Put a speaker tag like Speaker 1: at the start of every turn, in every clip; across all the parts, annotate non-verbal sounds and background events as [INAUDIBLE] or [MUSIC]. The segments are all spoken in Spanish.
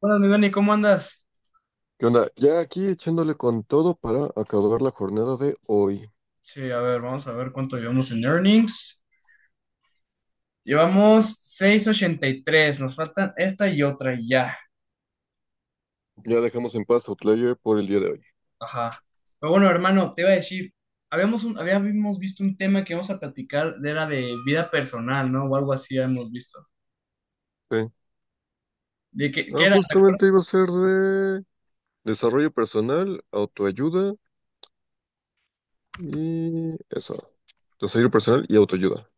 Speaker 1: Buenas, mi Dani, ¿cómo andas?
Speaker 2: ¿Qué onda? Ya aquí echándole con todo para acabar la jornada de hoy.
Speaker 1: Sí, a ver, vamos a ver cuánto llevamos en earnings. Llevamos 683. Nos faltan esta y otra y ya.
Speaker 2: Ya dejamos en paz Outlier por el día de hoy.
Speaker 1: Ajá. Pero bueno, hermano, te iba a decir, habíamos visto un tema que íbamos a platicar, era de vida personal, ¿no? O algo así hemos visto.
Speaker 2: Sí.
Speaker 1: ¿De qué
Speaker 2: Ah,
Speaker 1: era? ¿Te acuerdas?
Speaker 2: justamente iba a ser de desarrollo personal, autoayuda y eso. Desarrollo personal y autoayuda.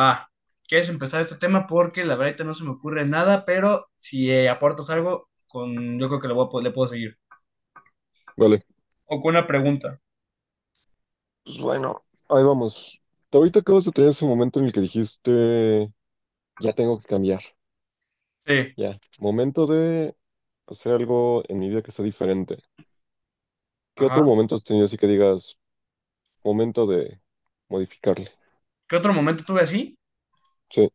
Speaker 1: Va, ¿quieres empezar este tema? Porque la verdad ahorita no se me ocurre nada, pero si aportas algo, con, yo creo que le, le puedo seguir.
Speaker 2: Vale.
Speaker 1: O con una pregunta.
Speaker 2: Pues bueno, ahí vamos. Ahorita acabas de tener ese momento en el que dijiste, ya tengo que cambiar.
Speaker 1: Sí.
Speaker 2: Ya. Momento de hacer algo en mi vida que sea diferente. ¿Qué
Speaker 1: Ajá.
Speaker 2: otro momento has tenido así que digas, momento de modificarle?
Speaker 1: ¿Qué otro momento tuve así?
Speaker 2: Sí.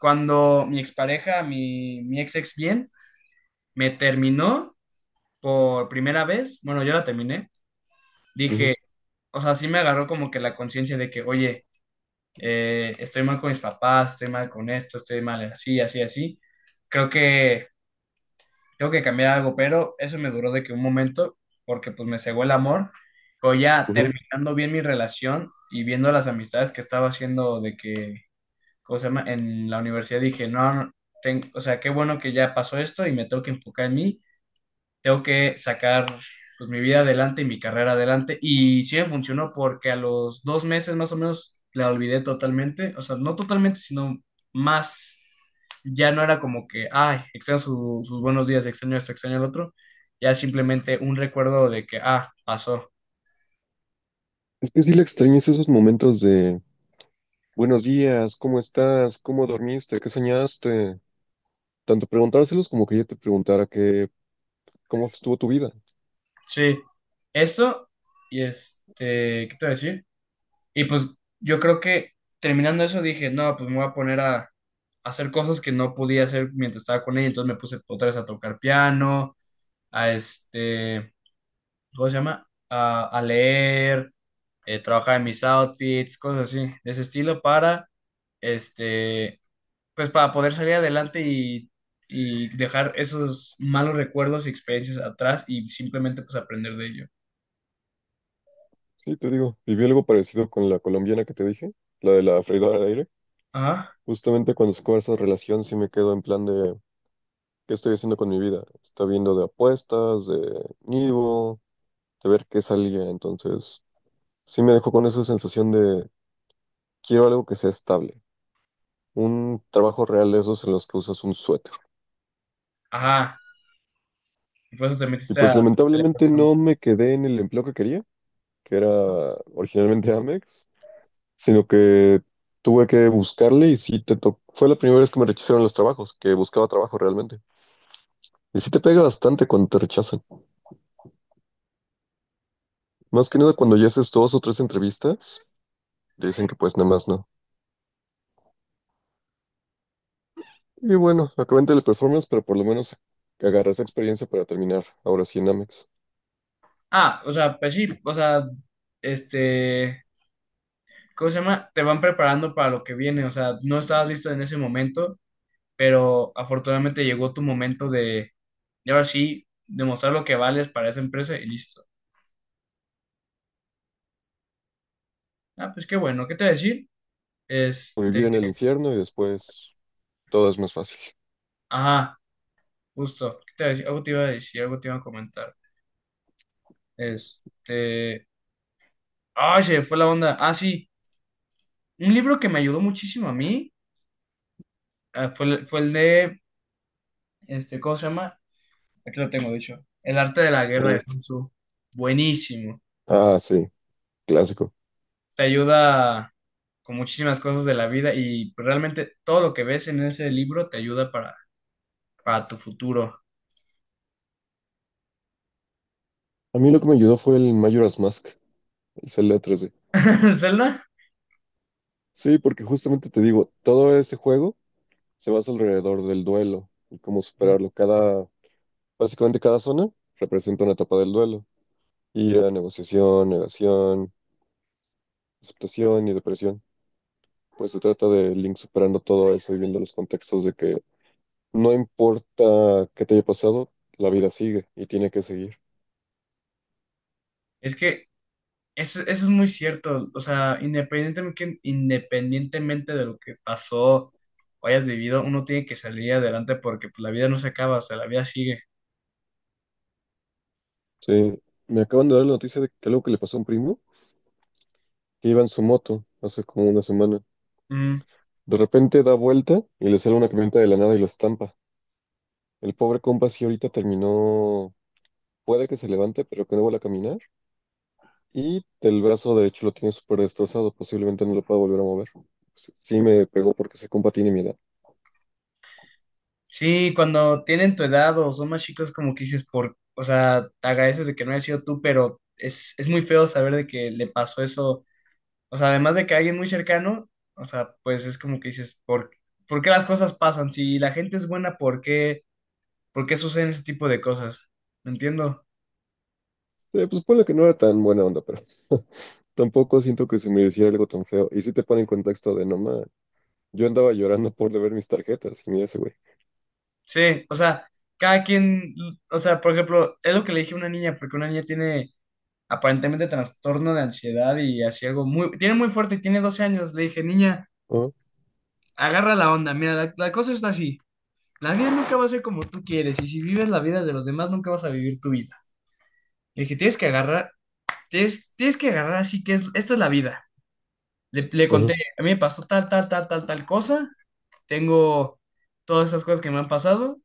Speaker 1: Cuando mi expareja, mi ex bien, me terminó por primera vez, bueno, yo la terminé, dije, o sea, sí me agarró como que la conciencia de que, oye, estoy mal con mis papás, estoy mal con esto, estoy mal así, así, así. Creo que tengo que cambiar algo, pero eso me duró de que un momento, porque pues me cegó el amor, pero ya
Speaker 2: Ujú.
Speaker 1: terminando bien mi relación y viendo las amistades que estaba haciendo de que ¿cómo se llama? En la universidad dije, no, no, o sea, qué bueno que ya pasó esto y me tengo que enfocar en mí, tengo que sacar pues, mi vida adelante y mi carrera adelante. Y sí me funcionó porque a los 2 meses más o menos la olvidé totalmente, o sea, no totalmente, sino más, ya no era como que, ay, extraño sus buenos días, extraño esto, extraño el otro, ya simplemente un recuerdo de que, ah, pasó.
Speaker 2: Es que sí le extrañas esos momentos de buenos días, ¿cómo estás? ¿Cómo dormiste? ¿Qué soñaste? Tanto preguntárselos como que ella te preguntara que, ¿cómo estuvo tu vida?
Speaker 1: Sí, eso y ¿qué te voy a decir? Y pues yo creo que terminando eso dije, no, pues me voy a poner a hacer cosas que no podía hacer mientras estaba con ella. Entonces me puse otra vez a tocar piano, a ¿cómo se llama? A leer, trabajar en mis outfits, cosas así, de ese estilo para, este, pues para poder salir adelante y dejar esos malos recuerdos y experiencias atrás y simplemente pues aprender de ello.
Speaker 2: Sí, te digo, viví algo parecido con la colombiana que te dije, la de la freidora de aire.
Speaker 1: Ajá,
Speaker 2: Justamente cuando se acaba esa relación sí me quedo en plan de, ¿qué estoy haciendo con mi vida? Está viendo de apuestas, de nido, de ver qué salía. Entonces, sí me dejó con esa sensación de, quiero algo que sea estable. Un trabajo real de esos en los que usas un suéter.
Speaker 1: ajá. Y por eso te
Speaker 2: Y
Speaker 1: metiste a...
Speaker 2: pues lamentablemente no me quedé en el empleo que quería, que era originalmente Amex, sino que tuve que buscarle y sí te tocó. Fue la primera vez que me rechazaron los trabajos, que buscaba trabajo realmente. Y sí te pega bastante cuando te rechazan. Más que nada cuando ya haces dos o tres entrevistas, te dicen que pues nada más no. Y bueno, acabé en teleperformance, pero por lo menos agarré esa experiencia para terminar ahora sí en Amex.
Speaker 1: Ah, o sea, pues sí, o sea, este, ¿cómo se llama? Te van preparando para lo que viene, o sea, no estabas listo en ese momento, pero afortunadamente llegó tu momento de ahora sí, demostrar lo que vales para esa empresa y listo. Ah, pues qué bueno, ¿qué te iba a decir?
Speaker 2: O
Speaker 1: Este,
Speaker 2: vivir en el infierno y después todo es más fácil. [LAUGHS]
Speaker 1: ajá, justo, ¿qué te iba a decir? Algo te iba a decir, algo te iba a comentar. Este, ay, se me fue la onda. Ah, sí, un libro que me ayudó muchísimo a mí, ah, fue, fue el de, ¿cómo se llama? Aquí lo tengo, dicho. El arte de la guerra de
Speaker 2: Mm.
Speaker 1: Sun Tzu. Buenísimo.
Speaker 2: Ah, sí, clásico.
Speaker 1: Te ayuda con muchísimas cosas de la vida y pues, realmente todo lo que ves en ese libro te ayuda para tu futuro.
Speaker 2: A mí lo que me ayudó fue el Majora's Mask. Es el otro, sí.
Speaker 1: [LAUGHS] Zelda,
Speaker 2: Sí, porque justamente te digo, todo ese juego se basa alrededor del duelo y cómo superarlo. Básicamente cada zona representa una etapa del duelo. Ira, negociación, negación, aceptación y depresión. Pues se trata de Link superando todo eso y viendo los contextos de que no importa qué te haya pasado, la vida sigue y tiene que seguir.
Speaker 1: es que eso es muy cierto. O sea, independientemente de lo que pasó o hayas vivido, uno tiene que salir adelante porque pues, la vida no se acaba, o sea, la vida sigue.
Speaker 2: Sí, me acaban de dar la noticia de que algo que le pasó a un primo que iba en su moto hace como una semana.
Speaker 1: Mm.
Speaker 2: De repente da vuelta y le sale una camioneta de la nada y lo estampa. El pobre compa sí ahorita terminó, puede que se levante, pero que no vuelva a caminar. Y el brazo derecho lo tiene súper destrozado, posiblemente no lo pueda volver a mover. Sí me pegó porque ese compa tiene mi edad.
Speaker 1: Sí, cuando tienen tu edad o son más chicos, como que dices, o sea, te agradeces de que no haya sido tú, pero es muy feo saber de que le pasó eso. O sea, además de que a alguien muy cercano, o sea, pues es como que dices, por qué las cosas pasan? Si la gente es buena, por qué suceden ese tipo de cosas? ¿Me entiendo?
Speaker 2: Pues ponle que no era tan buena onda, pero [LAUGHS] tampoco siento que se me hiciera algo tan feo. Y si te pone en contexto de no ma, yo andaba llorando por deber mis tarjetas y mira ese güey.
Speaker 1: Sí, o sea, cada quien, o sea, por ejemplo, es lo que le dije a una niña, porque una niña tiene aparentemente trastorno de ansiedad y así algo muy, tiene muy fuerte y tiene 12 años. Le dije, niña.
Speaker 2: Ah,
Speaker 1: Agarra la onda. Mira, la cosa está así. La vida nunca va a ser como tú quieres y si vives la vida de los demás nunca vas a vivir tu vida. El que tienes que agarrar, tienes que agarrar así que esta es la vida. Le
Speaker 2: ajá,
Speaker 1: conté, a mí me pasó tal, tal, tal, tal, tal cosa. Tengo todas esas cosas que me han pasado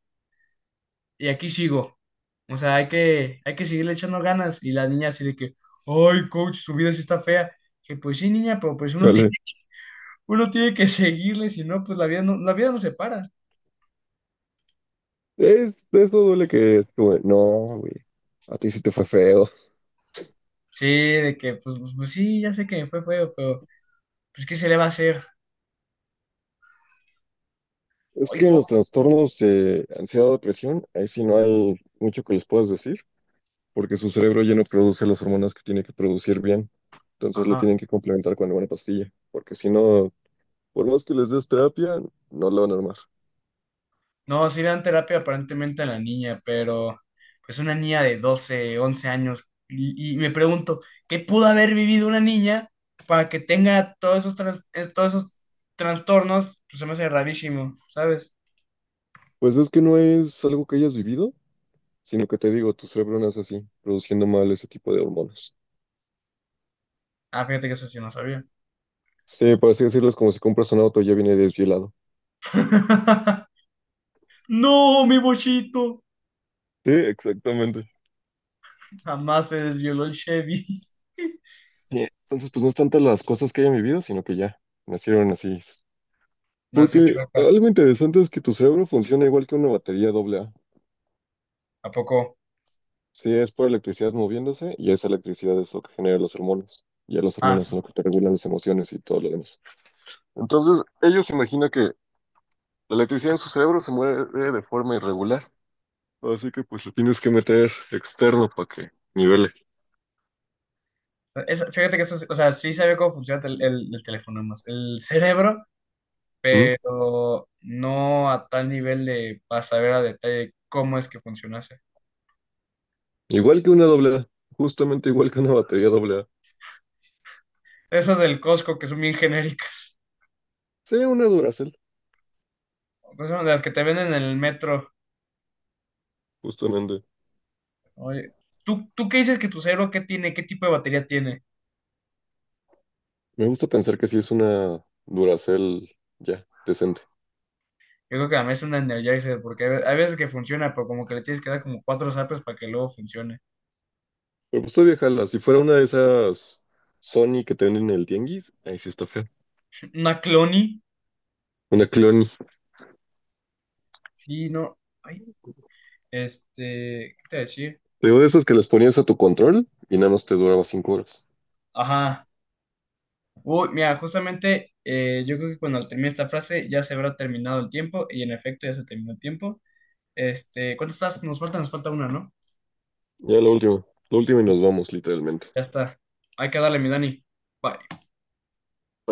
Speaker 1: y aquí sigo. O sea, hay que seguirle echando ganas. Y la niña así de que, ay, coach, su vida sí está fea. Que pues sí, niña, pero pues uno [LAUGHS] tiene,
Speaker 2: chale.
Speaker 1: uno tiene que seguirle, si no, pues la vida no se para.
Speaker 2: Eso duele que es como, no, güey, a ti sí te fue feo.
Speaker 1: Sí, de que, pues sí, ya sé que me fue feo, pero, pues, ¿qué se le va a hacer?
Speaker 2: Es
Speaker 1: Ay,
Speaker 2: que en
Speaker 1: co-
Speaker 2: los trastornos de ansiedad o depresión, ahí sí no hay mucho que les puedas decir, porque su cerebro ya no produce las hormonas que tiene que producir bien. Entonces lo
Speaker 1: Ajá.
Speaker 2: tienen que complementar con alguna pastilla, porque si no, por más que les des terapia, no la van a armar.
Speaker 1: No, sí le dan terapia aparentemente a la niña, pero, pues, una niña de 12 11 años. Y me pregunto, ¿qué pudo haber vivido una niña para que tenga todos esos, todos esos trastornos? Pues se me hace rarísimo, ¿sabes?
Speaker 2: Pues es que no es algo que hayas vivido, sino que te digo, tu cerebro nace así, produciendo mal ese tipo de hormonas.
Speaker 1: Ah, fíjate que eso sí no sabía.
Speaker 2: Sí, por así decirlo, es como si compras un auto y ya viene desvielado.
Speaker 1: [LAUGHS] No, mi bochito.
Speaker 2: Sí, exactamente.
Speaker 1: Jamás se desvioló el Chevy. [LAUGHS]
Speaker 2: Sí, entonces, pues no es tanto las cosas que hayan vivido, sino que ya nacieron así.
Speaker 1: Nació
Speaker 2: Porque
Speaker 1: chueca.
Speaker 2: algo interesante es que tu cerebro funciona igual que una batería doble A.
Speaker 1: ¿A poco?
Speaker 2: Sí, es por electricidad moviéndose y esa electricidad es lo que genera los hormonas. Ya los
Speaker 1: Ah.
Speaker 2: hormonas son lo que te regulan las emociones y todo lo demás. Entonces, ellos imaginan que la electricidad en su cerebro se mueve de forma irregular. Así que pues lo tienes que meter externo para que nivele.
Speaker 1: Fíjate que eso, o sea, sí sabía cómo funciona el teléfono más, el cerebro,
Speaker 2: ¿Mm?
Speaker 1: pero no a tal nivel de para saber a detalle cómo es que funcionase.
Speaker 2: Igual que una doble A. Justamente igual que una batería doble A.
Speaker 1: Esas del Costco que son bien genéricas,
Speaker 2: Sí, una Duracell,
Speaker 1: [LAUGHS] pues son de las que te venden en el metro.
Speaker 2: justamente.
Speaker 1: Oye, ¿tú qué dices que tu cerebro qué tiene? ¿Qué tipo de batería tiene?
Speaker 2: Me gusta pensar que sí es una Duracell ya, decente.
Speaker 1: Yo creo que a mí es una Energizer, porque hay veces que funciona, pero como que le tienes que dar como cuatro zapes para que luego funcione.
Speaker 2: Me gustó viajarla. Si fuera una de esas Sony que te venden en el tianguis, ahí sí está feo.
Speaker 1: Una Cloni,
Speaker 2: Una Clony.
Speaker 1: sí, no, ay, ¿qué te voy a decir?
Speaker 2: Digo, de esas que les ponías a tu control y nada más te duraba 5 horas.
Speaker 1: Ajá. Uy, mira, justamente yo creo que cuando termine esta frase ya se habrá terminado el tiempo y en efecto ya se terminó el tiempo. ¿Cuántas estás? Nos falta una, ¿no?
Speaker 2: Ya la última y nos vamos, literalmente.
Speaker 1: Ya está. Hay que darle, mi Dani. Bye.